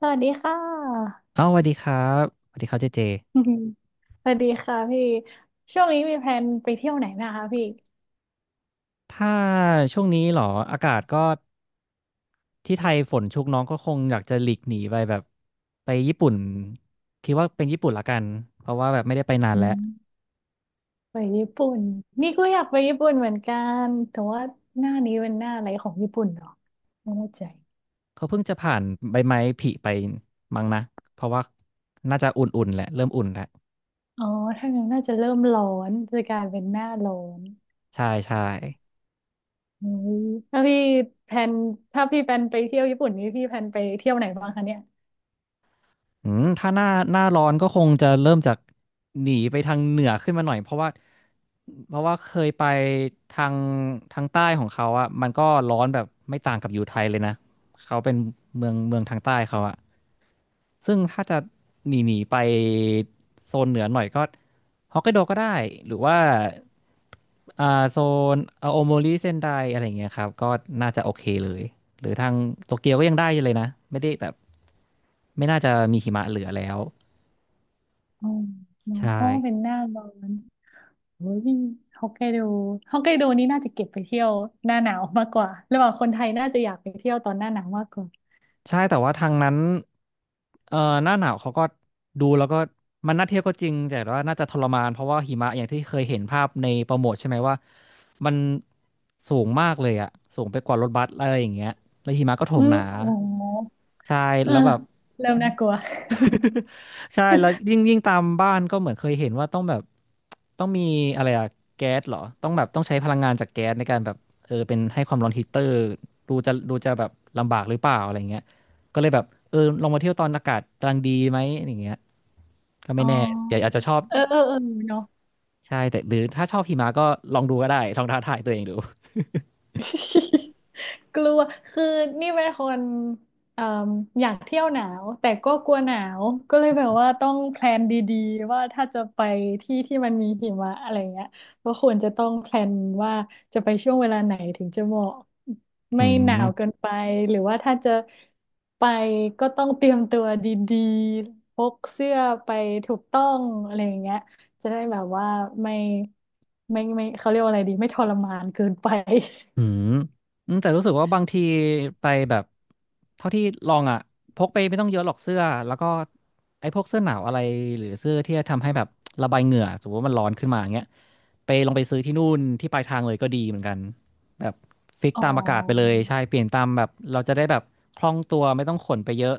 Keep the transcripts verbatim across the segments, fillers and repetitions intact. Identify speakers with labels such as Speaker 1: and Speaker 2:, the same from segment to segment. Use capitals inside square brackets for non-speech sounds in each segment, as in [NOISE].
Speaker 1: สวัสดีค่ะ
Speaker 2: เอ้าสวัสดีครับสวัสดีครับเจเจ
Speaker 1: [LAUGHS] สวัสดีค่ะพี่ช่วงนี้มีแพลนไปเที่ยวไหนนะคะพี่
Speaker 2: ถ้าช่วงนี้เหรอ อากาศก็ที่ไทยฝนชุกน้องก็คงอยากจะหลีกหนีไปแบบไปญี่ปุ่น คิดว่าเป็นญี่ปุ่นละกัน เพราะว่าแบบไม่ได้ไปนาน
Speaker 1: อื
Speaker 2: แล้ว
Speaker 1: มไปญี่ปุ่นนี่ก็อยากไปญี่ปุ่นเหมือนกันแต่ว่าหน้านี้เป็นหน้าอะไรของญี่ปุ่นเหรอไม่แน่ใจ
Speaker 2: เขาเพิ่งจะผ่านใบไม้ผลิไปมั้งนะ เพราะว่าน่าจะอุ่นๆแหละ เริ่มอุ่นแล้ว
Speaker 1: อ๋อถ้างั้นน่าจะเริ่มร้อนจะกลายเป็นหน้าร้อน
Speaker 2: ใช่ใช่
Speaker 1: อืมถ้าพี่แพลนถ้าพี่แพลนไปเที่ยวญี่ปุ่นนี่พี่แพลนไปเที่ยวไหนบ้างคะเนี่ย
Speaker 2: อืมถ้าหน้าหน้าร้อนก็คงจะเริ่มจากหนีไปทางเหนือขึ้นมาหน่อยเพราะว่าเพราะว่าเคยไปทางทางใต้ของเขาอ่ะมันก็ร้อนแบบไม่ต่างกับอยู่ไทยเลยนะเขาเป็นเมืองเมืองทางใต้เขาอ่ะ ซึ่งถ้าจะหนีหนีไปโซนเหนือหน่อยก็ฮอกไกโดก็ได้หรือว่าอ่าโซนอาโอโมริเซนไดอะไรอย่างเงี้ยครับก็น่าจะโอเคเลยหรือทางโตเกียวก็ยังได้อยู่เลยนะไม่ได้แบบไม่น่าจะมีหิมะเหลือแล้ว
Speaker 1: อ๋อเนาะ
Speaker 2: ใช่
Speaker 1: อ๋อเป็นหน้าร้อน โอ้ยฮอกไกโดฮอกไกโดนี่น่าจะเก็บไปเที่ยวหน้าหนาวมากกว่าระหว่างคนไทยน่าจะอยากไปเที่ยวตอนหน้าหนาวมากกว่า
Speaker 2: ใช่แต่ว่าทางนั้นเอ่อหน้าหนาวเขาก็ดูแล้วก็มันน่าเที่ยวก็จริงแต่ว่าน่าจะทรมานเพราะว่าหิมะอย่างที่เคยเห็นภาพในโปรโมทใช่ไหมว่ามันสูงมากเลยอะสูงไปกว่ารถบัสอะไรอย่างเงี้ยแล้วหิมะก็โถ
Speaker 1: อื
Speaker 2: มห
Speaker 1: ม
Speaker 2: นา
Speaker 1: โอ้โห
Speaker 2: ใช่
Speaker 1: เออ
Speaker 2: แล้วแบบ
Speaker 1: เริ่มน่ากลัว
Speaker 2: [LAUGHS] ใช่แล้วยิ่งยิ่งตามบ้านก็เหมือนเคยเห็นว่าต้องแบบต้องมีอะไรอะแก๊สเหรอต้องแบบต้องใช้พลังงานจากแก๊สในการแบบเออเป็นให้ความร้อนฮีตเตอร์ดูจะดูจะแบบลำบากหรือเปล่าอะไรเงี้ยก็เลยแบบเออลองมาเที่ยวตอนอากาศกำลังดีไหมอย่างเงี้ยก็
Speaker 1: อ๋
Speaker 2: ไม่แน่เดี๋ยว
Speaker 1: อ
Speaker 2: อาจจะชอบ
Speaker 1: เออเออเออเนาะ
Speaker 2: ใช่แต่หรือถ้าชอบหิมะก็ลองดูก็ได้ลองท้าทายตัวเองดู
Speaker 1: [LAUGHS] กลัวคือนี่เป็นคนเอ่มอยากเที่ยวหนาวแต่ก็กลัวหนาว ก็เลยแบบว่าต้องแพลนดีๆว่าถ้าจะไปที่ที่มันมีหิมะอะไรเงี้ยก็ควรจะต้องแพลนว่าจะไปช่วงเวลาไหนถึงจะเหมาะ
Speaker 2: อื
Speaker 1: ไม่หนาวเกิ
Speaker 2: ม
Speaker 1: นไปหรือว่าถ้าจะไปก็ต้องเตรียมตัวดีๆพกเสื้อไปถูกต้องอะไรอย่างเงี้ยจะได้แบบว่าไม่ไม่ไม่เขาเรียกว่าอะไรดีไม่ทรมานเกินไป
Speaker 2: อืมอืมแต่รู้สึกว่าบางทีไปแบบเท่าที่ลองอ่ะพกไปไม่ต้องเยอะหรอกเสื้อแล้วก็ไอ้พวกเสื้อหนาวอะไรหรือเสื้อที่ทำให้แบบระบายเหงื่อสมมติว่ามันร้อนขึ้นมาอย่างเงี้ยไปลองไปซื้อที่นู่นที่ปลายทางเลยก็ดีเหมือนกันแบบฟิก
Speaker 1: อ๋อ
Speaker 2: ตามอากาศไปเลยใช่เปลี่ยนตามแบบเราจะได้แบบคล่องตัวไม่ต้องขนไปเยอะ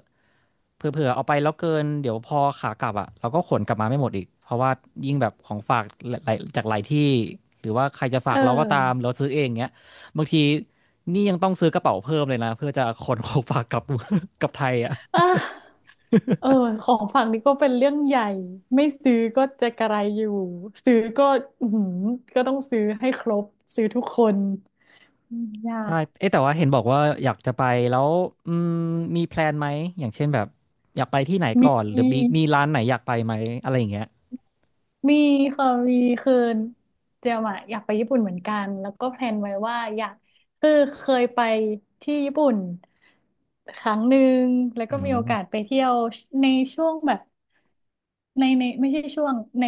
Speaker 2: เผื่อๆเอาไปแล้วเกินเดี๋ยวพอขากลับอ่ะเราก็ขนกลับมาไม่หมดอีกเพราะว่ายิ่งแบบของฝากหลายๆจากหลายที่หรือว่าใครจะฝา
Speaker 1: เอ
Speaker 2: กเราก็ตาม
Speaker 1: อ
Speaker 2: เราซื้อเองเงี้ย บางทีนี่ยังต้องซื้อกระเป๋าเพิ่มเลยนะเพื่อจะขนของฝากกลับ [LAUGHS] กลับไทยอ่ะ
Speaker 1: อ่ะเออ ของฝั่งนี้ก็เป็นเรื่องใหญ่ ไม่ซื้อก็จะกระไรอยู่ซื้อก็อือหือก็ต้องซื้อให้ครบ ซื้อทุกคนอืมยาก
Speaker 2: ใช่เอ๊ะแต่ว่าเห็นบอกว่าอยากจะไปแล้วอืมมีแพลนไหมอย่างเช่นแบบอยากไปที่ไหน
Speaker 1: ม
Speaker 2: ก่อนหรือมี
Speaker 1: ี
Speaker 2: มีร้านไหนอยากไปไหมอะไรอย่างเงี้ย
Speaker 1: มีค่ะมีคือเจมอะอยากไปญี่ปุ่นเหมือนกันแล้วก็แพลนไว้ว่าอยากคือเคยไปที่ญี่ปุ่นครั้งหนึ่ง แล้ว
Speaker 2: อื
Speaker 1: ก็มีโอกา
Speaker 2: ม
Speaker 1: สไปเที่ยวในช่วงแบบในในไม่ใช่ช่วงใน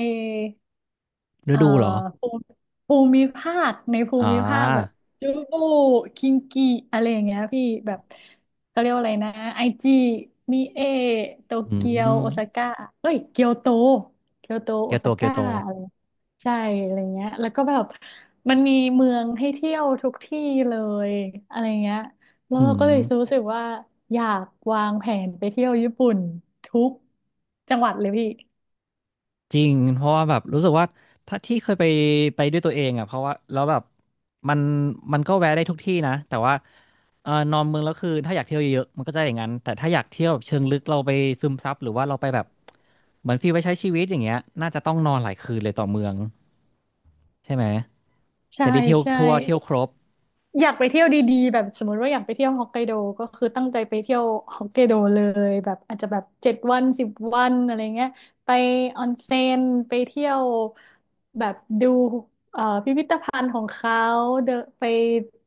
Speaker 2: ฤ
Speaker 1: เอ่อ
Speaker 2: ดูเหรอ
Speaker 1: ภูมิภูมิภาคในภู
Speaker 2: อ่
Speaker 1: มิภาคแบบ
Speaker 2: า
Speaker 1: จูบูคิงกีอะไรอย่างเงี้ยพี่แบบเขาเรียกว่าอะไรนะไอจีมิเอโต
Speaker 2: อื
Speaker 1: เกียว
Speaker 2: ม
Speaker 1: โอซาก้าเอ้ยเกียวโตเกียวโต
Speaker 2: เกี
Speaker 1: โอ
Speaker 2: ยวโต
Speaker 1: ซา
Speaker 2: เกียว
Speaker 1: ก้า
Speaker 2: โต
Speaker 1: อะไรใช่อะไรเงี้ยแล้วก็แบบมันมีเมืองให้เที่ยวทุกที่เลยอะไรเงี้ยแล้ว
Speaker 2: อื
Speaker 1: เราก็เลยรู้
Speaker 2: ม
Speaker 1: สึกว่าอยากวางแผนไปเที่ยวญี่ปุ่นทุกจังหวัดเลยพี่
Speaker 2: จริงเพราะว่าแบบรู้สึกว่าถ้าที่เคยไปไปด้วยตัวเองอ่ะเพราะว่าแล้วแบบมันมันก็แวะได้ทุกที่นะแต่ว่าเออนอนเมืองแล้วคือถ้าอยากเที่ยวเยอะๆมันก็จะอย่างนั้นแต่ถ้าอยากเที่ยวแบบเชิงลึกเราไปซึมซับหรือว่าเราไปแบบเหมือนฟีลไปใช้ชีวิตอย่างเงี้ยน่าจะต้องนอนหลายคืนเลยต่อเมืองใช่ไหม
Speaker 1: ใช่
Speaker 2: จะได้เที่ยว
Speaker 1: ใช่
Speaker 2: ทั่วเที่ยวครบ
Speaker 1: อยากไปเที่ยวดีๆแบบสมมติว่าอยากไปเที่ยวฮอกไกโดก็คือตั้งใจไปเที่ยวฮอกไกโดเลยแบบอาจจะแบบเจ็ดวันสิบวันอะไรเงี้ยไปออนเซ็นไปเที่ยวแบบดูเอ่อพิพิธภัณฑ์ของเขาเดนไป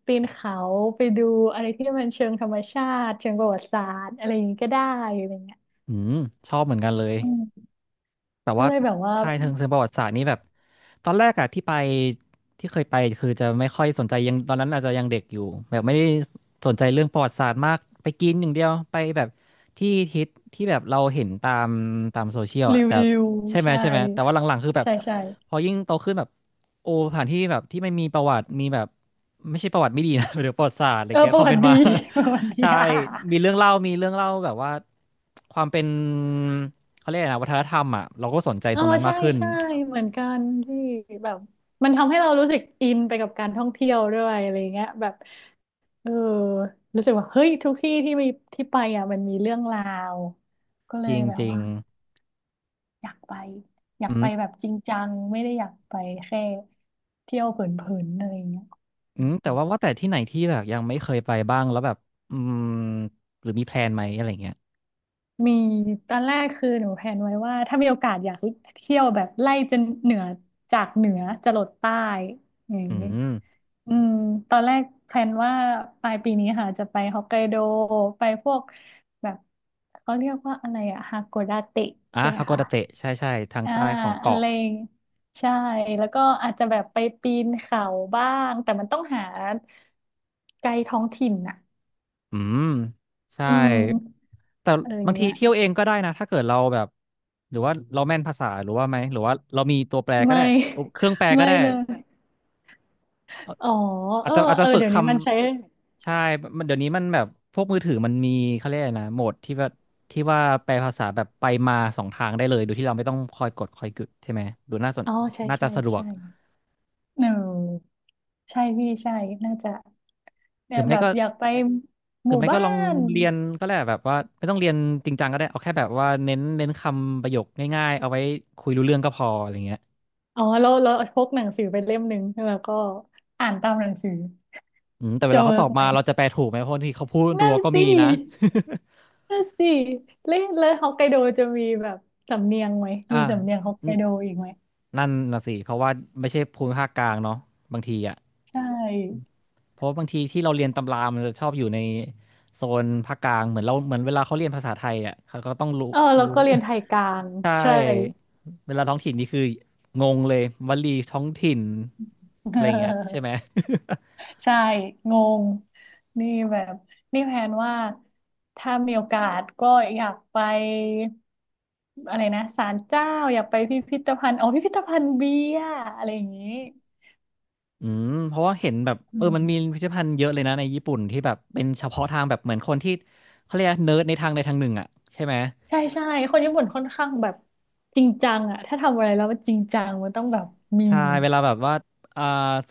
Speaker 1: ปีนเขาไปดูอะไรที่มันเชิงธรรมชาติเชิงประวัติศาสตร์อะไรอย่างงี้ก็ได้อะไรเงี้ย
Speaker 2: อืมชอบเหมือนกันเลย
Speaker 1: อืม
Speaker 2: แต่
Speaker 1: ก็
Speaker 2: ว่า
Speaker 1: เลยแบบว่า
Speaker 2: ใช่ทางเชิงประวัติศาสตร์นี่แบบตอนแรกอะที่ไปที่เคยไปคือจะไม่ค่อยสนใจยังตอนนั้นอาจจะยังเด็กอยู่แบบไม่ได้สนใจเรื่องประวัติศาสตร์มากไปกินอย่างเดียวไปแบบที่ฮิตที่แบบเราเห็นตามตามโซเชียล
Speaker 1: รี
Speaker 2: อะแต่
Speaker 1: วิว
Speaker 2: ใช่ไหม
Speaker 1: ใช่
Speaker 2: ใช่ไหมแต่ว่าหลังๆคือแบบ
Speaker 1: ใช่ใช่
Speaker 2: พอยิ่งโตขึ้นแบบโอ้สถานที่แบบที่ไม่มีประวัติมีแบบไม่ใช่ประวัติไม่ดีนะ [LAUGHS] หรือประวัติศาสตร์อะไร
Speaker 1: เออ
Speaker 2: เงี้ย
Speaker 1: ป
Speaker 2: ค
Speaker 1: ระ
Speaker 2: วาม
Speaker 1: วั
Speaker 2: เป็
Speaker 1: ติ
Speaker 2: น
Speaker 1: ดี
Speaker 2: มา
Speaker 1: [LAUGHS] ประวัติ
Speaker 2: [LAUGHS]
Speaker 1: ดี
Speaker 2: ใช่
Speaker 1: [LAUGHS] อ่ะ
Speaker 2: มีเรื่องเล่ามีเรื่องเล่าแบบว่า ความเป็นเขาเรียกอะไรนะวัฒนธรรมอ่ะเราก็สนใจ
Speaker 1: อ๋อ
Speaker 2: ตรงนั้นมา
Speaker 1: ใช่
Speaker 2: กขึ้น
Speaker 1: ใช่เหมือนกันที่แบบมันทำให้เรารู้สึกอินไปกับการท่องเที่ยวด้วยอะไรเงี้ยแบบเออรู้สึกว่าเฮ้ยทุกที่ที่มีที่ไปอ่ะมันมีเรื่องราวก็เลยแบ
Speaker 2: จ
Speaker 1: บ
Speaker 2: ริง
Speaker 1: ว่าอยากไปอ
Speaker 2: ๆ
Speaker 1: ยา
Speaker 2: อื
Speaker 1: กไป
Speaker 2: ม
Speaker 1: แบบจริงจังไม่ได้อยากไปแค่เที่ยวเผินๆอะไรเงี้ย
Speaker 2: อืมแต่ว่าว่าแต่ที่ไหนที่แบบยังไม่เคยไปบ้างแล้วแบบอืมหรือมีแพลนไหมอะไรเงี้ย
Speaker 1: มีตอนแรกคือหนูแพลนไว้ว่าถ้ามีโอกาสอยากเที่ยวแบบไล่จนเหนือจากเหนือจรดใต้อย่าง
Speaker 2: อื
Speaker 1: นี้
Speaker 2: ม
Speaker 1: อืมตอนแรกแพลนว่าปลายปีนี้ค่ะจะไปฮอกไกโดไปพวกแบบเขาเรียกว่าอะไรอะฮาโกดาเตะ
Speaker 2: อ่ะ
Speaker 1: ใช่ไหม
Speaker 2: ฮากอ
Speaker 1: คะ
Speaker 2: ดาเตะใช่ใช่ทาง
Speaker 1: อ่า
Speaker 2: ใต้ของ
Speaker 1: อะ
Speaker 2: เกาะ
Speaker 1: ไรใช่แล้วก็อาจจะแบบไปปีนเขาบ้างแต่มันต้องหาไกด์ท้องถิ่นอะ
Speaker 2: อืมใช่
Speaker 1: อืม
Speaker 2: แต่
Speaker 1: อะไรอย่า
Speaker 2: บา
Speaker 1: ง
Speaker 2: งที
Speaker 1: เงี้ย
Speaker 2: เที่ยวเองก็ได้นะถ้าเกิดเราแบบหรือว่าเราแม่นภาษาหรือว่าไหมหรือว่าเรามีตัวแปลก็
Speaker 1: ไม่
Speaker 2: ได้เครื่องแปล
Speaker 1: [LAUGHS]
Speaker 2: ก็
Speaker 1: ไม่
Speaker 2: ได้
Speaker 1: เลย อ๋อ
Speaker 2: อา
Speaker 1: เอ
Speaker 2: จ
Speaker 1: อ
Speaker 2: จะอาจ
Speaker 1: เอ
Speaker 2: จะ
Speaker 1: อ
Speaker 2: ฝึก
Speaker 1: เดี๋ย
Speaker 2: ค
Speaker 1: วนี้มันใช้
Speaker 2: ำใช่มันเดี๋ยวนี้มันแบบพวกมือถือมันมีเขาเรียกอะไรนะโหมดที่ว่าที่ว่าแปลภาษาแบบไปมาสองทางได้เลยโดยที่เราไม่ต้องคอยกดคอยกึดใช่ไหมดูน่าสน
Speaker 1: อ๋อใช่
Speaker 2: น่าจะ
Speaker 1: ใช่
Speaker 2: สะดวก
Speaker 1: ใช่เออใช่พี่ใช่น่าจะ
Speaker 2: ห
Speaker 1: เนี่
Speaker 2: รื
Speaker 1: ย
Speaker 2: อไม่
Speaker 1: แบบ
Speaker 2: ก็
Speaker 1: อยากไป
Speaker 2: ห
Speaker 1: ห
Speaker 2: รือ
Speaker 1: มู่
Speaker 2: ไม่ก็
Speaker 1: บ้า
Speaker 2: ลอง
Speaker 1: น
Speaker 2: เรียนก็ได้แบบว่าไม่ต้องเรียนจริงจังก็ได้เอาแค่แบบว่าเน้นเน้นคำประโยคง่ายๆเอาไว้คุยรู้เรื่องก็พออะไรเงี้ย
Speaker 1: อ๋อเราเราพกหนังสือไปเล่มหนึ่งแล้วก็อ่านตามหนังสือ
Speaker 2: อืมแต่เว
Speaker 1: จะ
Speaker 2: ลาเขา
Speaker 1: เวิ
Speaker 2: ต
Speaker 1: ร์
Speaker 2: อ
Speaker 1: ก
Speaker 2: บ
Speaker 1: ไหม
Speaker 2: มาเราจะแปลถูกไหมเพราะบางที่เขาพูดรั
Speaker 1: นั่
Speaker 2: ว
Speaker 1: น
Speaker 2: ก็มี
Speaker 1: สิ
Speaker 2: นะ
Speaker 1: นั่นสิแล้วแลวฮอกไกโดจะมีแบบสำเนียงไหม
Speaker 2: [LAUGHS] อ่า
Speaker 1: มีสำเนียงฮอกไกโดอีกไหม
Speaker 2: นั่นน่ะสิเพราะว่าไม่ใช่ภูมิภาคกลางเนาะบางทีอ่ะ
Speaker 1: ใช่
Speaker 2: เพราะบางทีที่เราเรียนตำรามันจะชอบอยู่ในโซนภาคกลางเหมือนเราเหมือนเวลาเขาเรียนภาษาไทยอ่ะเขาก็ต้องรู้
Speaker 1: เออแล้ว
Speaker 2: รู้
Speaker 1: ก็เรียนไทยกลาง
Speaker 2: [LAUGHS] ใช่
Speaker 1: ใช่
Speaker 2: เวลาท้องถิ่นนี่คืองงเลยวลีท้องถิ่นอะไรอย่างเงี้ยใช่ไหม
Speaker 1: [LAUGHS]
Speaker 2: [LAUGHS]
Speaker 1: ใช่งงนี่แบบนี่แพลนว่าถ้ามีโอกาสก็อยากไปอะไรนะศาลเจ้าอยากไปพิพิธภัณฑ์อ๋อพิพิธภัณฑ์เบียร์อะไรอย่างนี้
Speaker 2: อืมเพราะว่าเห็นแบบ
Speaker 1: อื
Speaker 2: เออ
Speaker 1: ม
Speaker 2: มันมีพิพิธภัณฑ์เยอะเลยนะในญี่ปุ่นที่แบบเป็นเฉพาะทางแบบเหมือนคนที่เขาเรียกเนิร์ดในทางใดทางหนึ่งอ่ะใช่ไหม
Speaker 1: ใช่ใช่คนญี่ปุ่นค่อนข้างแบบจริงจังอะถ้าทำอะไรแล้วมันจริงจังมันต้องแบบมี
Speaker 2: ใช่เวลาแบบว่าอ่า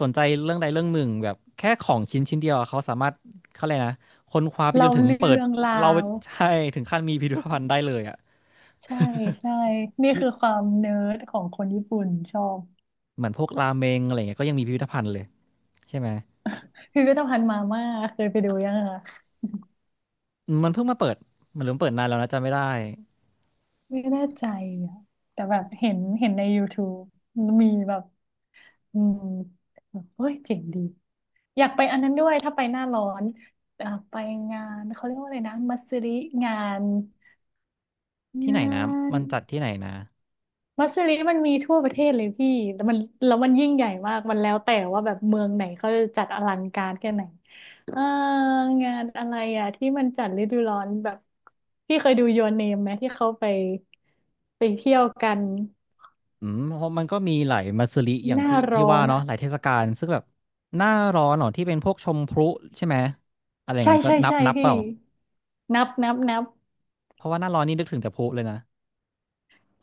Speaker 2: สนใจเรื่องใดเรื่องหนึ่งแบบแค่ของชิ้นชิ้นเดียวอะเขาสามารถเขาเลยกนะค้นคว้าไปจ
Speaker 1: เล่า
Speaker 2: นถึง
Speaker 1: เรื่
Speaker 2: เปิด
Speaker 1: องรา
Speaker 2: เรา
Speaker 1: ว
Speaker 2: ใช่ถึงขั้นมีพิพิธภัณฑ์ได้เลยอ่ะ
Speaker 1: ใช่ใช่นี่คือความเนิร์ดของคนญี่ปุ่นชอบ
Speaker 2: เหมือนพวกราเมงอะไรเงี้ยก็ยังมีพิพิธภัณฑ์เลยใช่ไหม
Speaker 1: พิพิธภัณฑ์มาม่าเคยไปดูยังคะ
Speaker 2: อืมมันเพิ่งมาเปิดมันเริ่มเปิดนานแล้วนะจำไม่ได้
Speaker 1: ไม่แน่ใจอ่ะแต่แบบเห็นเห็นใน YouTube มีแบบอืมแบบเฮ้ยเจ๋งดีอยากไปอันนั้นด้วยถ้าไปหน้าร้อนเอ่อไปงานเขาเรียกว่าอะไรนะมัสริงาน
Speaker 2: ที่ไหน
Speaker 1: งา
Speaker 2: นะ
Speaker 1: น
Speaker 2: มันจัดที่ไหนนะ
Speaker 1: มัสริมันมีทั่วประเทศเลยพี่แล้วมันแล้วมันยิ่งใหญ่มากมันแล้วแต่ว่าแบบเมืองไหนเขาจะจัดอลังการแค่ไหนเอองานอะไรอ่ะที่มันจัดฤดูร้อนแบบพี่เคยดู Your Name ไหมที่เขาไปไปเที่ยวกัน
Speaker 2: อืมเพราะมันก็มีหลายมัสริอย่า
Speaker 1: ห
Speaker 2: ง
Speaker 1: น้า
Speaker 2: ที่ที่
Speaker 1: ร้อ
Speaker 2: ว่า
Speaker 1: น
Speaker 2: เนาะ
Speaker 1: อ่ะ
Speaker 2: หลายเทศกาลซึ่งแบบหน้าร้อนเหรอที่เป็นพวกชมพลุใช่ไหมอะไรอย่าง
Speaker 1: ใช่
Speaker 2: เงี้ยก็
Speaker 1: ใช่
Speaker 2: นับ
Speaker 1: ใช่
Speaker 2: นับเป
Speaker 1: พี่
Speaker 2: ล่า
Speaker 1: นับนับนับ
Speaker 2: เพราะว่าหน้าร้อนนี่นึกถึงแต่พลุเลยนะ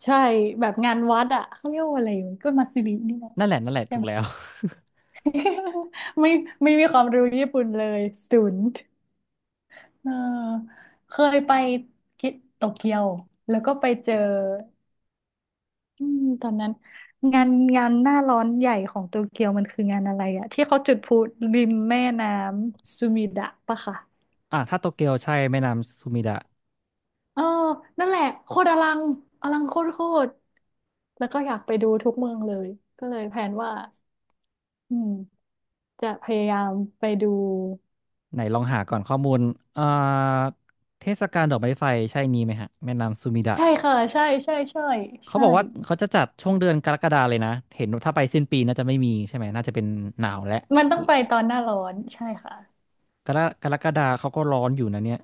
Speaker 1: ใช่แบบงานวัดอ่ะเขาเรียกว่าอะไรยู่ก็มาซิรินี่นะ
Speaker 2: นั่นแหละนั่นแหละ
Speaker 1: ใช่
Speaker 2: ถู
Speaker 1: ไห
Speaker 2: ก
Speaker 1: ม
Speaker 2: แล้ว [LAUGHS]
Speaker 1: [LAUGHS] ไม่ไม่มีความรู้ญี่ปุ่นเลยศูนย์เออเคยไปกิโตเกียวแล้วก็ไปเจออืมตอนนั้นงานงานหน้าร้อนใหญ่ของโตเกียวมันคืองานอะไรอะที่เขาจุดพลุริมแม่น้ำซูมิดะปะคะ
Speaker 2: อ่ะถ้าโตเกียวใช่แม่น้ำซูมิดะ
Speaker 1: เออนั่นแหละโคตรอลังอลังโคตรโคตร แล้วก็อยากไปดูทุกเมืองเลยก็เลยแผนว่าอืมจะพยายามไปดู
Speaker 2: ไหนลองหาก่อนข้อมูลอ่าเทศกาลดอกไม้ไฟใช่นี้ไหมฮะแม่น้ำซูมิดะ
Speaker 1: ใช่ค่ะใช่ใช่ใช่
Speaker 2: เขา
Speaker 1: ใช่
Speaker 2: บอกว่าเขาจะจัดช่วงเดือนกรกฎาเลยนะเห็นว่าถ้าไปสิ้นปีน่าจะไม่มีใช่ไหมน่าจะเป็นหนาวและ
Speaker 1: มันต้องไปตอนหน้าร้อนใช่ค่ะ
Speaker 2: กรกรกฎาเขาก็ร้อนอยู่นะเนี่ย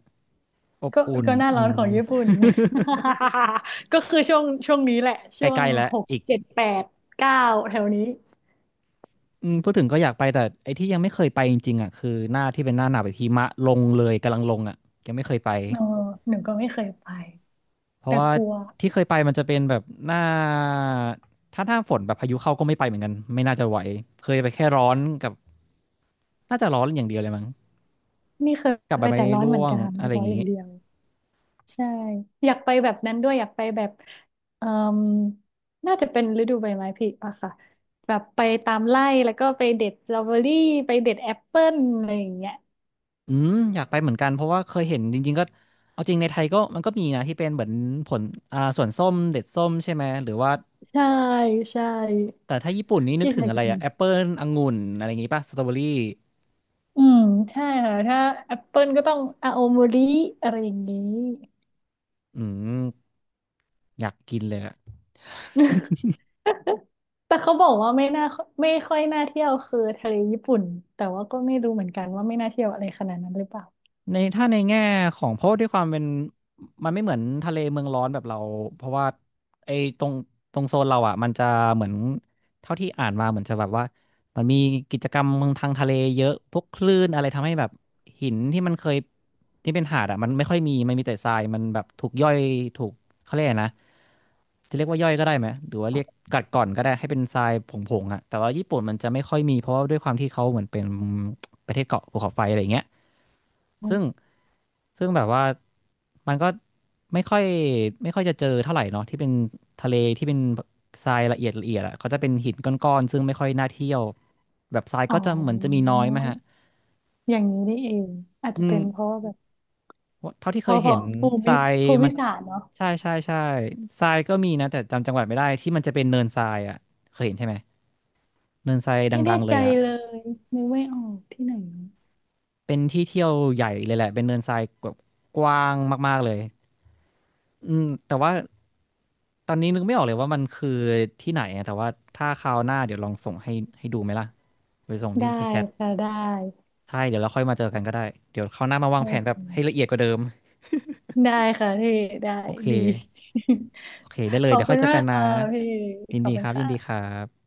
Speaker 2: อบ
Speaker 1: ก็
Speaker 2: อุ่น
Speaker 1: ก็หน้า
Speaker 2: อื
Speaker 1: ร้อน
Speaker 2: ม
Speaker 1: ของญี่ปุ่น [LAUGHS] ก็คือช่วงช่วงนี้แหละ
Speaker 2: [LAUGHS]
Speaker 1: ช่ว
Speaker 2: ใก
Speaker 1: ง
Speaker 2: ล้ๆแล้ว
Speaker 1: หก
Speaker 2: อีก
Speaker 1: เจ็ดแปดเก้าแถวนี้
Speaker 2: อืมพูดถึงก็อยากไปแต่ไอ้ที่ยังไม่เคยไปจริงๆอ่ะคือหน้าที่เป็นหน้าหนาวแบบหิมะลงเลยกำลังลงอ่ะยังไม่เคยไป
Speaker 1: เออหนูก็ไม่เคยไป
Speaker 2: เพราะ
Speaker 1: แต่
Speaker 2: ว่า
Speaker 1: กลัว
Speaker 2: ที่เคยไปมันจะเป็นแบบหน้าถ้าหน้าฝนแบบพายุเข้าก็ไม่ไปเหมือนกันไม่น่าจะไหวเคยไปแค่ร้อนกับน่าจะร้อนอย่างเดียวเลยมั้ง
Speaker 1: นี่เคย
Speaker 2: กับใบ
Speaker 1: ไป
Speaker 2: ไม้
Speaker 1: แต่ร้อนเห
Speaker 2: ร่
Speaker 1: มือ
Speaker 2: ว
Speaker 1: น
Speaker 2: ง
Speaker 1: กัน
Speaker 2: อะไรอ
Speaker 1: ร้อ
Speaker 2: ย่า
Speaker 1: น
Speaker 2: ง
Speaker 1: อย่า
Speaker 2: งี้
Speaker 1: งเดียว ใช่อยากไปแบบนั้นด้วยอยากไปแบบเอ่มน่าจะเป็นฤดูใบไม้ผลิอะค่ะแบบไปตามไร่แล้วก็ไปเด็ดสตรอเบอรี่ไปเด็ดแอปเปิ้ลอะไรอย่างเงี้ย
Speaker 2: อืมอยากไปเหมือนกันเพราะว่าเคยเห็นจริงๆก็เอาจริงในไทยก็มันก็มีนะที่เป็นเหมือนผลอ่าสวนส้มเด็ดส้มใช่ไหมหรือว่า
Speaker 1: ใช่ใช่
Speaker 2: แต่ถ้าญี่ปุ่นนี่นึก
Speaker 1: ที่
Speaker 2: ถึ
Speaker 1: ไท
Speaker 2: ง
Speaker 1: ย
Speaker 2: อะไร
Speaker 1: ก็มี
Speaker 2: อะแอปเปิลองุ่นอะไรอย่างงี้ป่ะสตรอเบอรี่
Speaker 1: อืมใช่ค่ะถ้าแอปเปิ้ลก็ต้องอาโอมริอะไรอย่างนี้
Speaker 2: อืมอยากกินเลยอะ
Speaker 1: [LAUGHS] แต่เขาบอกว่าไม่น่าไม่ค่อยน่าเที่ยวคือทะเลญี่ปุ่นแต่ว่าก็ไม่รู้เหมือนกันว่าไม่น่าเที่ยวอะไรขนาดนั้นหรือเปล่า
Speaker 2: ในถ้าในแง่ของเพราะด้วยความเป็นมันไม่เหมือนทะเลเมืองร้อนแบบเราเพราะว่าไอ้ตรงตรงโซนเราอ่ะมันจะเหมือนเท่าที่อ่านมาเหมือนจะแบบว่ามันมีกิจกรรมทางทะเลเยอะพวกคลื่นอะไรทำให้แบบหินที่มันเคยที่เป็นหาดอ่ะมันไม่ค่อยมีมันมีแต่ทรายมันแบบถูกย่อยถูกเขาเรียกอะไรนะจะเรียกว่าย่อยก็ได้ไหมหรือว่าเรียกกัดก่อนก็ได้ให้เป็นทรายผงๆอ่ะแต่ว่าญี่ปุ่นมันจะไม่ค่อยมีเพราะว่าด้วยความที่เขาเหมือนเป็นประเทศเกาะภูเขาไฟอะไรอย่างเงี้ย ซึ่งซึ่งแบบว่ามันก็ไม่ค่อยไม่ค่อยจะเจอเท่าไหร่เนาะที่เป็นทะเลที่เป็นทรายละเอียดละเอียดอ่ะเขาจะเป็นหินก้อนๆซึ่งไม่ค่อยน่าเที่ยวแบบทราย
Speaker 1: อ๋อ
Speaker 2: ก็จะเหมือนจะมีน้อยไหมฮะ
Speaker 1: อย่างนี้นี่เองอาจ
Speaker 2: อื
Speaker 1: จะ
Speaker 2: ม
Speaker 1: เป็นเพราะว่าแบบ
Speaker 2: เท่าที่
Speaker 1: เพ
Speaker 2: เคย
Speaker 1: ราะเพ
Speaker 2: เห็
Speaker 1: ราะ
Speaker 2: น
Speaker 1: ภู
Speaker 2: ท
Speaker 1: มิ
Speaker 2: ราย
Speaker 1: ภู
Speaker 2: มั
Speaker 1: มิ
Speaker 2: น
Speaker 1: ศาสตร์เนาะ
Speaker 2: ใช่ใช่ใช่ทรายก็มีนะแต่จำจังหวัดไม่ได้ที่มันจะเป็นเนินทรายอ่ะเคยเห็นใช่ไหมเนินทราย
Speaker 1: ไม่
Speaker 2: ดั
Speaker 1: แน่
Speaker 2: งๆเล
Speaker 1: ใจ
Speaker 2: ยอ่ะ
Speaker 1: เลยนึกไม่ออกที่ไหนเนอะ
Speaker 2: เป็นที่เที่ยวใหญ่เลยแหละเป็นเนินทรายแบบกว้างมากๆเลย อืมแต่ว่าตอนนี้นึกไม่ออกเลยว่ามันคือที่ไหนอะแต่ว่าถ้าคราวหน้าเดี๋ยวลองส่งให้ให้ดูไหมล่ะไปส่งที่
Speaker 1: ได้
Speaker 2: ที่แชท
Speaker 1: ค่ะได้
Speaker 2: ใช่เดี๋ยวเราค่อยมาเจอกันก็ได้เดี๋ยวคราวหน้ามาวา
Speaker 1: โอ
Speaker 2: งแผนแบบให้ละ
Speaker 1: เค
Speaker 2: เอียดกว่าเดิม
Speaker 1: ได้ค่ะพี่ได้
Speaker 2: โอเค
Speaker 1: ดี
Speaker 2: โอเคได้เล
Speaker 1: [LAUGHS] ข
Speaker 2: ย
Speaker 1: อบ
Speaker 2: เดี๋ยว
Speaker 1: คุ
Speaker 2: ค่อย
Speaker 1: ณ
Speaker 2: เจอ
Speaker 1: มา
Speaker 2: กัน
Speaker 1: ก
Speaker 2: นะ
Speaker 1: ค่ะพี่
Speaker 2: ยิน
Speaker 1: ขอบ
Speaker 2: ดี
Speaker 1: คุ
Speaker 2: ค
Speaker 1: ณ
Speaker 2: รับยินดีค
Speaker 1: ค่ะ
Speaker 2: รับ